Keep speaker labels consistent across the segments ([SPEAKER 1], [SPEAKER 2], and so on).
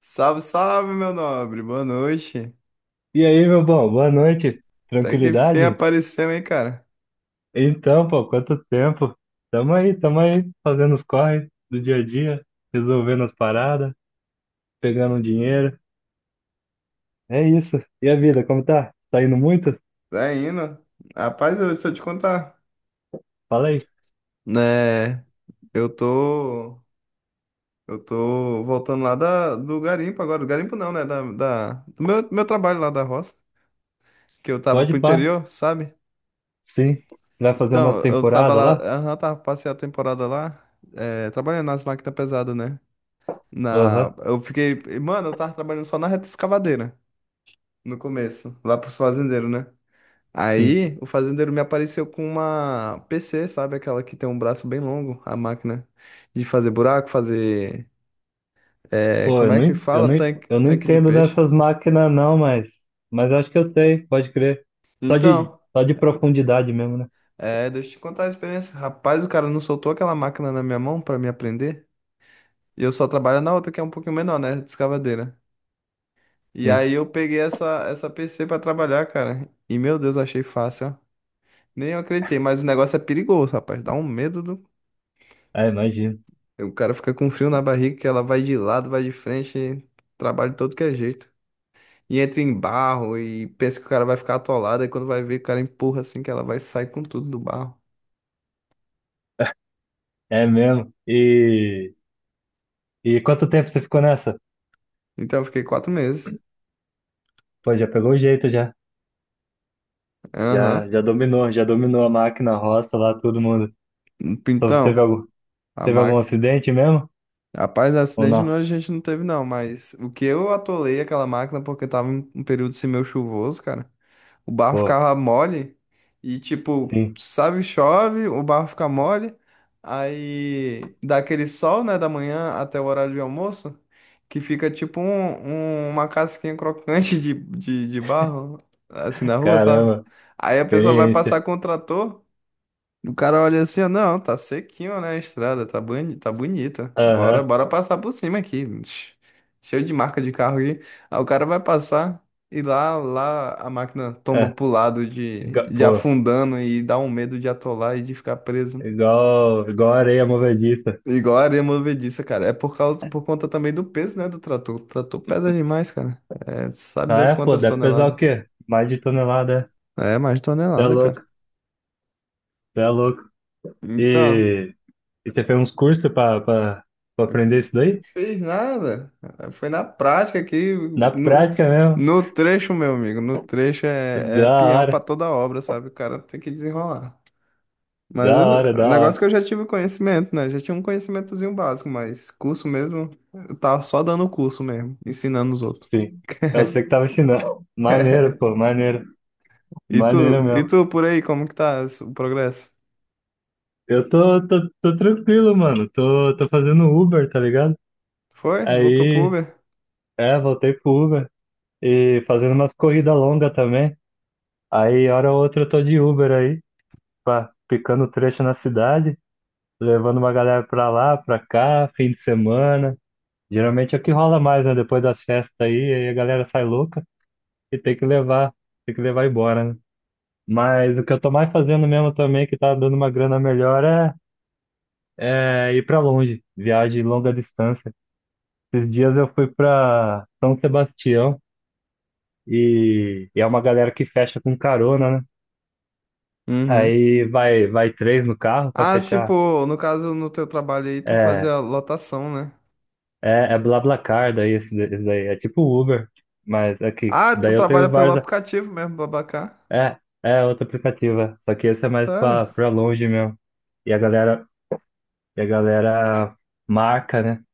[SPEAKER 1] Salve, salve, meu nobre. Boa noite.
[SPEAKER 2] E aí, meu bom, boa noite.
[SPEAKER 1] Até que fim
[SPEAKER 2] Tranquilidade?
[SPEAKER 1] apareceu, hein, cara?
[SPEAKER 2] Então, pô, quanto tempo? Tamo aí, fazendo os corre do dia a dia, resolvendo as paradas, pegando um dinheiro. É isso. E a vida, como tá? Saindo muito?
[SPEAKER 1] Tá indo? Rapaz, eu, se eu te contar.
[SPEAKER 2] Fala aí.
[SPEAKER 1] Né, eu tô. Eu tô voltando lá do garimpo agora. Do garimpo não, né? Do meu trabalho lá da roça. Que eu tava
[SPEAKER 2] Pode
[SPEAKER 1] pro
[SPEAKER 2] pá.
[SPEAKER 1] interior, sabe?
[SPEAKER 2] Sim. Vai fazer umas
[SPEAKER 1] Então, eu tava
[SPEAKER 2] temporadas
[SPEAKER 1] lá.
[SPEAKER 2] lá?
[SPEAKER 1] Aham, tava, passei a temporada lá. Trabalhando nas máquinas pesadas, né?
[SPEAKER 2] Aham,
[SPEAKER 1] Eu fiquei. Mano, eu tava trabalhando só na reta escavadeira no começo. Lá pros fazendeiros, né?
[SPEAKER 2] sim.
[SPEAKER 1] Aí o fazendeiro me apareceu com uma PC, sabe? Aquela que tem um braço bem longo, a máquina de fazer buraco, fazer.
[SPEAKER 2] Pô,
[SPEAKER 1] Como
[SPEAKER 2] eu
[SPEAKER 1] é
[SPEAKER 2] não,
[SPEAKER 1] que
[SPEAKER 2] en- eu
[SPEAKER 1] fala?
[SPEAKER 2] não, en- eu não
[SPEAKER 1] Tanque de
[SPEAKER 2] entendo
[SPEAKER 1] peixe.
[SPEAKER 2] nessas máquinas não, mas acho que eu sei, pode crer. Só de,
[SPEAKER 1] Então,
[SPEAKER 2] só de profundidade mesmo, né?
[SPEAKER 1] deixa eu te contar a experiência. Rapaz, o cara não soltou aquela máquina na minha mão pra me aprender. E eu só trabalho na outra, que é um pouquinho menor, né? De escavadeira. E
[SPEAKER 2] Hum.
[SPEAKER 1] aí eu peguei essa PC pra trabalhar, cara. E meu Deus, eu achei fácil, ó. Nem eu acreditei, mas o negócio é perigoso, rapaz. Dá um medo do.
[SPEAKER 2] Ah, imagino.
[SPEAKER 1] O cara fica com frio na barriga que ela vai de lado, vai de frente, trabalha de todo que é jeito. E entra em barro e pensa que o cara vai ficar atolado, e quando vai ver, o cara empurra assim que ela vai sair com tudo do barro.
[SPEAKER 2] É mesmo. E. E quanto tempo você ficou nessa?
[SPEAKER 1] Então eu fiquei 4 meses.
[SPEAKER 2] Pô, já pegou o jeito já. Já,
[SPEAKER 1] Aham.
[SPEAKER 2] já dominou, já dominou a máquina, a roça lá, todo mundo. Só
[SPEAKER 1] Então,
[SPEAKER 2] teve algum,
[SPEAKER 1] a
[SPEAKER 2] teve algum
[SPEAKER 1] máquina.
[SPEAKER 2] acidente mesmo?
[SPEAKER 1] Rapaz,
[SPEAKER 2] Ou
[SPEAKER 1] acidente não,
[SPEAKER 2] não?
[SPEAKER 1] a gente não teve, não, mas o que eu atolei aquela máquina porque tava um período semeu chuvoso, cara. O barro
[SPEAKER 2] Pô,
[SPEAKER 1] ficava mole e tipo,
[SPEAKER 2] sim.
[SPEAKER 1] sabe, chove, o barro fica mole, aí dá aquele sol, né, da manhã até o horário de almoço, que fica tipo uma casquinha crocante de barro, assim, na rua, sabe?
[SPEAKER 2] Caramba,
[SPEAKER 1] Aí a pessoa vai passar
[SPEAKER 2] experiência.
[SPEAKER 1] com o trator. O cara olha assim, ó, não, tá sequinho, né, a estrada, tá boni, tá bonita. Bora,
[SPEAKER 2] Aham,
[SPEAKER 1] bora passar por cima aqui. Tch, cheio de marca de carro aqui. Aí o cara vai passar e lá a máquina tomba
[SPEAKER 2] é.
[SPEAKER 1] pro lado de
[SPEAKER 2] Pô,
[SPEAKER 1] afundando e dá um medo de atolar e de ficar preso.
[SPEAKER 2] igual areia movediça.
[SPEAKER 1] Igual a areia movediça, cara. É por causa, por conta também do peso, né, do trator. O trator pesa demais, cara. É, sabe
[SPEAKER 2] Ah,
[SPEAKER 1] Deus
[SPEAKER 2] é, pô,
[SPEAKER 1] quantas
[SPEAKER 2] deve pesar
[SPEAKER 1] toneladas.
[SPEAKER 2] o quê? Mais de tonelada, é.
[SPEAKER 1] É, mais
[SPEAKER 2] Cê é
[SPEAKER 1] tonelada,
[SPEAKER 2] louco,
[SPEAKER 1] cara.
[SPEAKER 2] cê é louco.
[SPEAKER 1] Então,
[SPEAKER 2] E, e você fez uns cursos pra aprender isso daí?
[SPEAKER 1] fez nada. Foi na prática aqui.
[SPEAKER 2] Na
[SPEAKER 1] No,
[SPEAKER 2] prática mesmo.
[SPEAKER 1] no trecho, meu amigo. No trecho é, é
[SPEAKER 2] Da
[SPEAKER 1] peão pra
[SPEAKER 2] hora,
[SPEAKER 1] toda obra, sabe? O cara tem que desenrolar.
[SPEAKER 2] da hora,
[SPEAKER 1] O
[SPEAKER 2] da hora.
[SPEAKER 1] negócio é que eu já tive conhecimento, né? Já tinha um conhecimentozinho básico, mas curso mesmo, eu tava só dando curso mesmo, ensinando os outros.
[SPEAKER 2] Sim. É você que tava ensinando. Maneiro, pô, maneiro.
[SPEAKER 1] E tu,
[SPEAKER 2] Maneiro
[SPEAKER 1] e
[SPEAKER 2] mesmo.
[SPEAKER 1] tu por aí, como que tá esse- o progresso?
[SPEAKER 2] Eu tô tranquilo, mano. Tô fazendo Uber, tá ligado?
[SPEAKER 1] Foi? Voltou pro
[SPEAKER 2] Aí,
[SPEAKER 1] Uber?
[SPEAKER 2] é, voltei pro Uber. E fazendo umas corridas longas também. Aí, hora ou outra, eu tô de Uber aí, pá, picando trecho na cidade, levando uma galera pra lá, pra cá, fim de semana. Geralmente é o que rola mais, né? Depois das festas aí, aí a galera sai louca e tem que levar embora, né? Mas o que eu tô mais fazendo mesmo também, que tá dando uma grana melhor, é ir pra longe, viagem longa distância. Esses dias eu fui pra São Sebastião e é uma galera que fecha com carona, né?
[SPEAKER 1] Uhum.
[SPEAKER 2] Aí vai três no carro pra
[SPEAKER 1] Ah,
[SPEAKER 2] fechar.
[SPEAKER 1] tipo, no caso, no teu trabalho aí, tu
[SPEAKER 2] É,
[SPEAKER 1] fazia lotação, né?
[SPEAKER 2] é BlaBlaCar, daí esse daí. É tipo Uber, mas aqui.
[SPEAKER 1] Ah, tu
[SPEAKER 2] Daí eu
[SPEAKER 1] trabalha
[SPEAKER 2] tenho
[SPEAKER 1] pelo
[SPEAKER 2] vários.
[SPEAKER 1] aplicativo mesmo, Babacar?
[SPEAKER 2] É, é outro aplicativo. É. Só que esse é mais
[SPEAKER 1] Sério?
[SPEAKER 2] pra longe mesmo. E a galera, e a galera marca, né?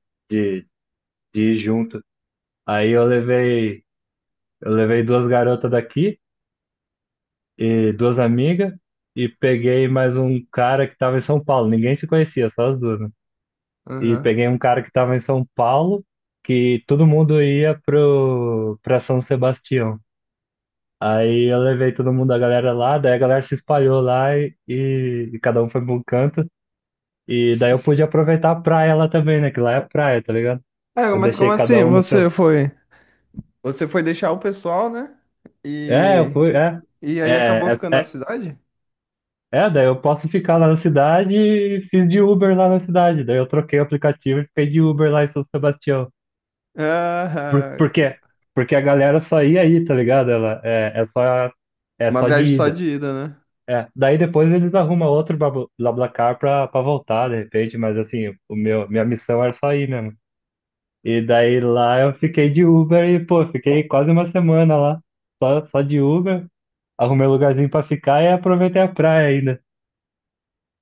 [SPEAKER 2] De ir junto. Aí eu levei duas garotas daqui e duas amigas e peguei mais um cara que estava em São Paulo. Ninguém se conhecia, só as duas, né? E
[SPEAKER 1] Aham.
[SPEAKER 2] peguei um cara que estava em São Paulo, que todo mundo ia pro para São Sebastião. Aí eu levei todo mundo, a galera lá, daí a galera se espalhou lá e cada um foi para um canto. E daí eu pude aproveitar a praia lá também, né? Que lá é praia, tá ligado?
[SPEAKER 1] É,
[SPEAKER 2] Eu
[SPEAKER 1] mas como
[SPEAKER 2] deixei cada
[SPEAKER 1] assim?
[SPEAKER 2] um no seu.
[SPEAKER 1] Você foi. Você foi deixar o pessoal, né?
[SPEAKER 2] É, eu
[SPEAKER 1] E.
[SPEAKER 2] fui, é.
[SPEAKER 1] E aí acabou
[SPEAKER 2] É, é,
[SPEAKER 1] ficando na
[SPEAKER 2] é
[SPEAKER 1] cidade?
[SPEAKER 2] É, daí eu posso ficar lá na cidade e fiz de Uber lá na cidade. Daí eu troquei o aplicativo e fiquei de Uber lá em São Sebastião. Por,
[SPEAKER 1] Ah,
[SPEAKER 2] por quê? Porque a galera só ia aí, tá ligado? Ela é
[SPEAKER 1] uma
[SPEAKER 2] só de
[SPEAKER 1] viagem só
[SPEAKER 2] ida.
[SPEAKER 1] de ida, né?
[SPEAKER 2] É, daí depois eles arrumam outro BlaBlaCar pra voltar, de repente, mas assim, o meu, minha missão era só ir mesmo. E daí lá eu fiquei de Uber e, pô, fiquei quase uma semana lá, só de Uber, arrumei um lugarzinho pra ficar e aproveitei a praia ainda.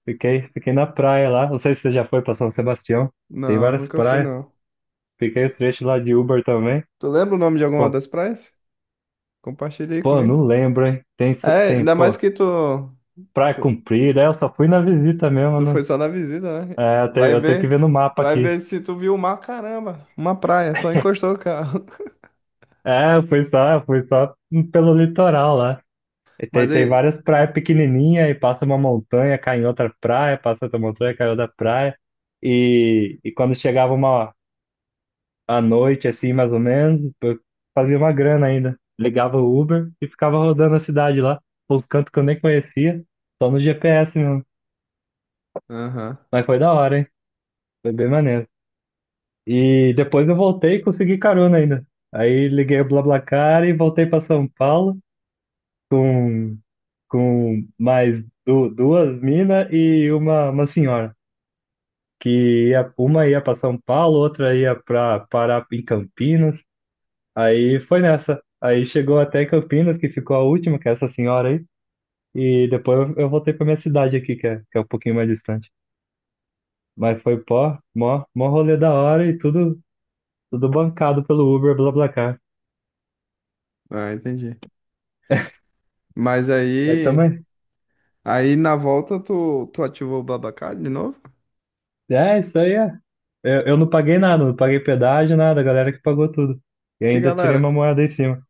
[SPEAKER 2] Fiquei na praia lá. Não sei se você já foi para São Sebastião. Tem
[SPEAKER 1] Não,
[SPEAKER 2] várias
[SPEAKER 1] nunca fui,
[SPEAKER 2] praias.
[SPEAKER 1] não.
[SPEAKER 2] Fiquei o trecho lá de Uber também.
[SPEAKER 1] Tu lembra o nome de alguma
[SPEAKER 2] Pô,
[SPEAKER 1] das praias? Compartilha aí
[SPEAKER 2] pô,
[SPEAKER 1] comigo.
[SPEAKER 2] não lembro, hein? Tem, só-
[SPEAKER 1] É,
[SPEAKER 2] tem,
[SPEAKER 1] ainda mais
[SPEAKER 2] pô,
[SPEAKER 1] que
[SPEAKER 2] praia
[SPEAKER 1] tu,
[SPEAKER 2] comprida. É, eu só fui na visita mesmo.
[SPEAKER 1] tu foi
[SPEAKER 2] Não.
[SPEAKER 1] só na visita, né?
[SPEAKER 2] É, eu tenho, eu tenho que ver no mapa
[SPEAKER 1] Vai
[SPEAKER 2] aqui.
[SPEAKER 1] ver se tu viu o mar, caramba. Uma praia, só encostou o carro.
[SPEAKER 2] É, eu fui só pelo litoral lá. E tem,
[SPEAKER 1] Mas
[SPEAKER 2] tem
[SPEAKER 1] aí.
[SPEAKER 2] várias praias pequenininhas e passa uma montanha, cai em outra praia, passa outra montanha, cai em outra praia. E quando chegava uma, à noite, assim, mais ou menos. Eu fazia uma grana ainda. Ligava o Uber e ficava rodando a cidade lá, pelos cantos que eu nem conhecia, só no GPS mesmo.
[SPEAKER 1] Aham.
[SPEAKER 2] Mas foi da hora, hein? Foi bem maneiro. E depois eu voltei e consegui carona ainda. Aí liguei o BlaBlaCar e voltei para São Paulo com, com mais du duas minas e uma senhora. Uma ia para São Paulo, outra ia para parar em Campinas. Aí foi nessa. Aí chegou até Campinas, que ficou a última, que é essa senhora aí. E depois eu voltei pra minha cidade aqui, que é um pouquinho mais distante. Mas foi pó, mó, mó rolê da hora e tudo, tudo bancado pelo Uber, BlaBlaCar.
[SPEAKER 1] Ah, entendi. Mas
[SPEAKER 2] Mas
[SPEAKER 1] aí,
[SPEAKER 2] também,
[SPEAKER 1] aí na volta tu ativou o Babacar de novo?
[SPEAKER 2] é, isso aí é. Eu não paguei nada, não paguei pedágio, nada, a galera que pagou tudo. E
[SPEAKER 1] Que
[SPEAKER 2] ainda tirei uma
[SPEAKER 1] galera?
[SPEAKER 2] moeda em cima.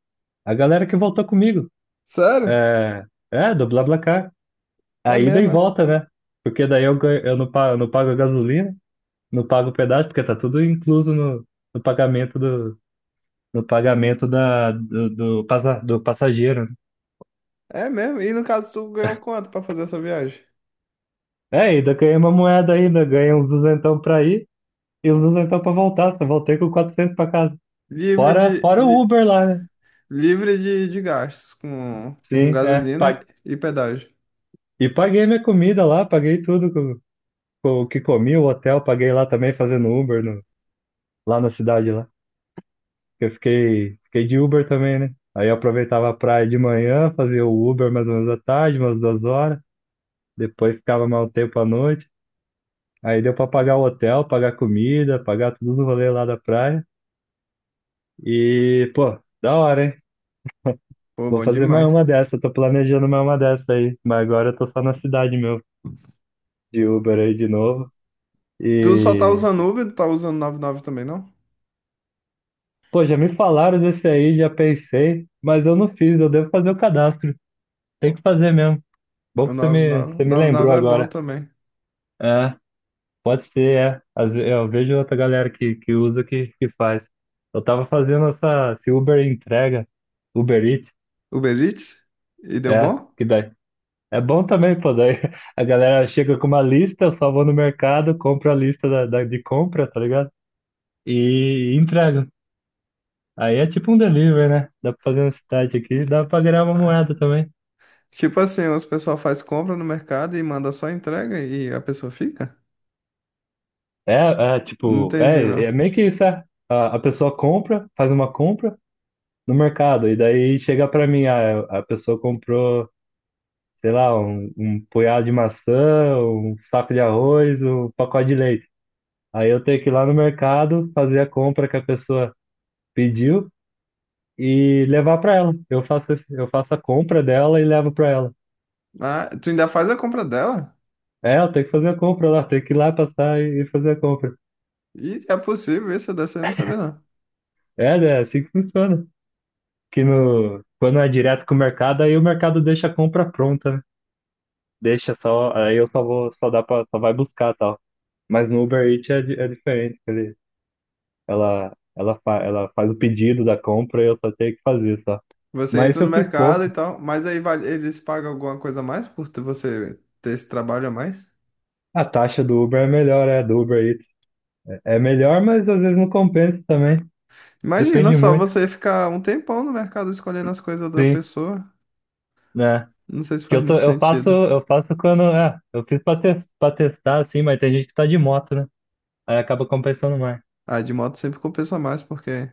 [SPEAKER 2] A galera que voltou comigo,
[SPEAKER 1] Sério?
[SPEAKER 2] é, é, do BlaBlaCar.
[SPEAKER 1] É
[SPEAKER 2] A ida e
[SPEAKER 1] mesmo, é?
[SPEAKER 2] volta, né? Porque daí eu não pago a gasolina. Não paga o pedágio, porque tá tudo incluso no no pagamento da, do, do, passa- do passageiro. Né?
[SPEAKER 1] É mesmo? E no caso tu ganhou quanto pra fazer essa viagem?
[SPEAKER 2] É, ainda ganhei uma moeda ainda, ganhei uns duzentão pra ir e uns duzentão pra voltar. Só voltei com 400 pra casa.
[SPEAKER 1] Livre
[SPEAKER 2] Fora,
[SPEAKER 1] de,
[SPEAKER 2] fora o
[SPEAKER 1] de-
[SPEAKER 2] Uber lá, né?
[SPEAKER 1] livre de gastos com
[SPEAKER 2] Sim, é.
[SPEAKER 1] gasolina e pedágio.
[SPEAKER 2] E paguei minha comida lá, paguei tudo com o que comi, o hotel, paguei lá também fazendo Uber lá na cidade lá. Eu fiquei de Uber também, né? Aí eu aproveitava a praia de manhã, fazia o Uber mais ou menos à tarde, umas 2 horas. Depois ficava mais um tempo à noite. Aí deu pra pagar o hotel, pagar comida, pagar tudo no rolê lá da praia. E, pô, da hora, hein?
[SPEAKER 1] Pô,
[SPEAKER 2] Vou
[SPEAKER 1] bom
[SPEAKER 2] fazer mais
[SPEAKER 1] demais.
[SPEAKER 2] uma dessa, tô planejando mais uma dessa aí. Mas agora eu tô só na cidade meu, de Uber aí de novo.
[SPEAKER 1] Tu só tá
[SPEAKER 2] E,
[SPEAKER 1] usando Uber, tu tá usando 99 também, não?
[SPEAKER 2] pô, já me falaram desse aí, já pensei, mas eu não fiz, eu devo fazer o cadastro. Tem que fazer mesmo. Bom
[SPEAKER 1] O
[SPEAKER 2] que você me,
[SPEAKER 1] 99,
[SPEAKER 2] você me lembrou
[SPEAKER 1] 99 é bom
[SPEAKER 2] agora.
[SPEAKER 1] também.
[SPEAKER 2] É. Pode ser, é. Eu vejo outra galera que usa que faz. Eu tava fazendo esse Uber entrega, Uber Eats,
[SPEAKER 1] Uber Eats? E deu
[SPEAKER 2] é,
[SPEAKER 1] bom?
[SPEAKER 2] que daí. É bom também, pô, daí a galera chega com uma lista, eu só vou no mercado, compro a lista de compra, tá ligado? E entrego. Aí é tipo um delivery, né? Dá pra fazer um site aqui, dá pra ganhar uma moeda também.
[SPEAKER 1] Tipo assim, os pessoal faz compra no mercado e manda só entrega e a pessoa fica?
[SPEAKER 2] É, é
[SPEAKER 1] Não
[SPEAKER 2] tipo,
[SPEAKER 1] entendi,
[SPEAKER 2] é,
[SPEAKER 1] não.
[SPEAKER 2] é meio que isso, é. A pessoa compra, faz uma compra no mercado, e daí chega pra mim, ah, a pessoa comprou. Sei lá, um punhado de maçã, um saco de arroz, um pacote de leite. Aí eu tenho que ir lá no mercado, fazer a compra que a pessoa pediu e levar para ela. Eu faço a compra dela e levo para ela.
[SPEAKER 1] Ah, tu ainda faz a compra dela?
[SPEAKER 2] É, eu tenho que fazer a compra lá, tenho que ir lá passar e fazer a compra.
[SPEAKER 1] E é possível isso, dessa eu não sabia, não.
[SPEAKER 2] É, né, é assim que funciona. Que no, Quando é direto com o mercado, aí o mercado deixa a compra pronta, né? Deixa só, aí eu só vou, só dá para, só vai buscar e tal. Mas no Uber Eats é diferente, ele Ela, ela, fa ela faz o pedido da compra e eu só tenho que fazer, só.
[SPEAKER 1] Você
[SPEAKER 2] Mas
[SPEAKER 1] entra
[SPEAKER 2] isso
[SPEAKER 1] no
[SPEAKER 2] eu fiz
[SPEAKER 1] mercado e
[SPEAKER 2] pouco.
[SPEAKER 1] tal, eles pagam alguma coisa a mais por você ter esse trabalho a mais?
[SPEAKER 2] A taxa do Uber é melhor, é, do Uber Eats. É melhor, mas às vezes não compensa também.
[SPEAKER 1] Imagina
[SPEAKER 2] Depende
[SPEAKER 1] só
[SPEAKER 2] muito,
[SPEAKER 1] você ficar um tempão no mercado escolhendo as coisas da
[SPEAKER 2] sim,
[SPEAKER 1] pessoa.
[SPEAKER 2] né?
[SPEAKER 1] Não sei se
[SPEAKER 2] Que
[SPEAKER 1] faz
[SPEAKER 2] eu tô,
[SPEAKER 1] muito
[SPEAKER 2] eu faço,
[SPEAKER 1] sentido.
[SPEAKER 2] eu faço quando, é, eu fiz pra testar, assim, mas tem gente que tá de moto, né? Aí acaba compensando mais
[SPEAKER 1] Ah, de moto sempre compensa mais, porque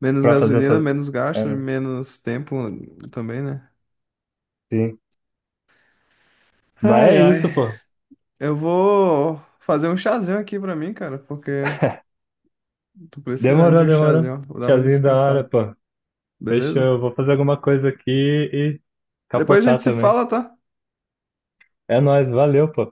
[SPEAKER 1] menos
[SPEAKER 2] pra fazer
[SPEAKER 1] gasolina,
[SPEAKER 2] essa,
[SPEAKER 1] menos gasto,
[SPEAKER 2] é,
[SPEAKER 1] menos tempo também, né?
[SPEAKER 2] sim. Mas
[SPEAKER 1] Ai,
[SPEAKER 2] é isso,
[SPEAKER 1] ai.
[SPEAKER 2] pô.
[SPEAKER 1] Eu vou fazer um chazinho aqui pra mim, cara, porque tô precisando de
[SPEAKER 2] Demorou,
[SPEAKER 1] um
[SPEAKER 2] demorou.
[SPEAKER 1] chazinho. Vou dar uma
[SPEAKER 2] Chazinho da hora,
[SPEAKER 1] descansada,
[SPEAKER 2] pô. Fechou.
[SPEAKER 1] beleza?
[SPEAKER 2] Eu vou fazer alguma coisa aqui e
[SPEAKER 1] Depois a gente
[SPEAKER 2] capotar
[SPEAKER 1] se
[SPEAKER 2] também.
[SPEAKER 1] fala, tá?
[SPEAKER 2] É nóis, valeu, pô.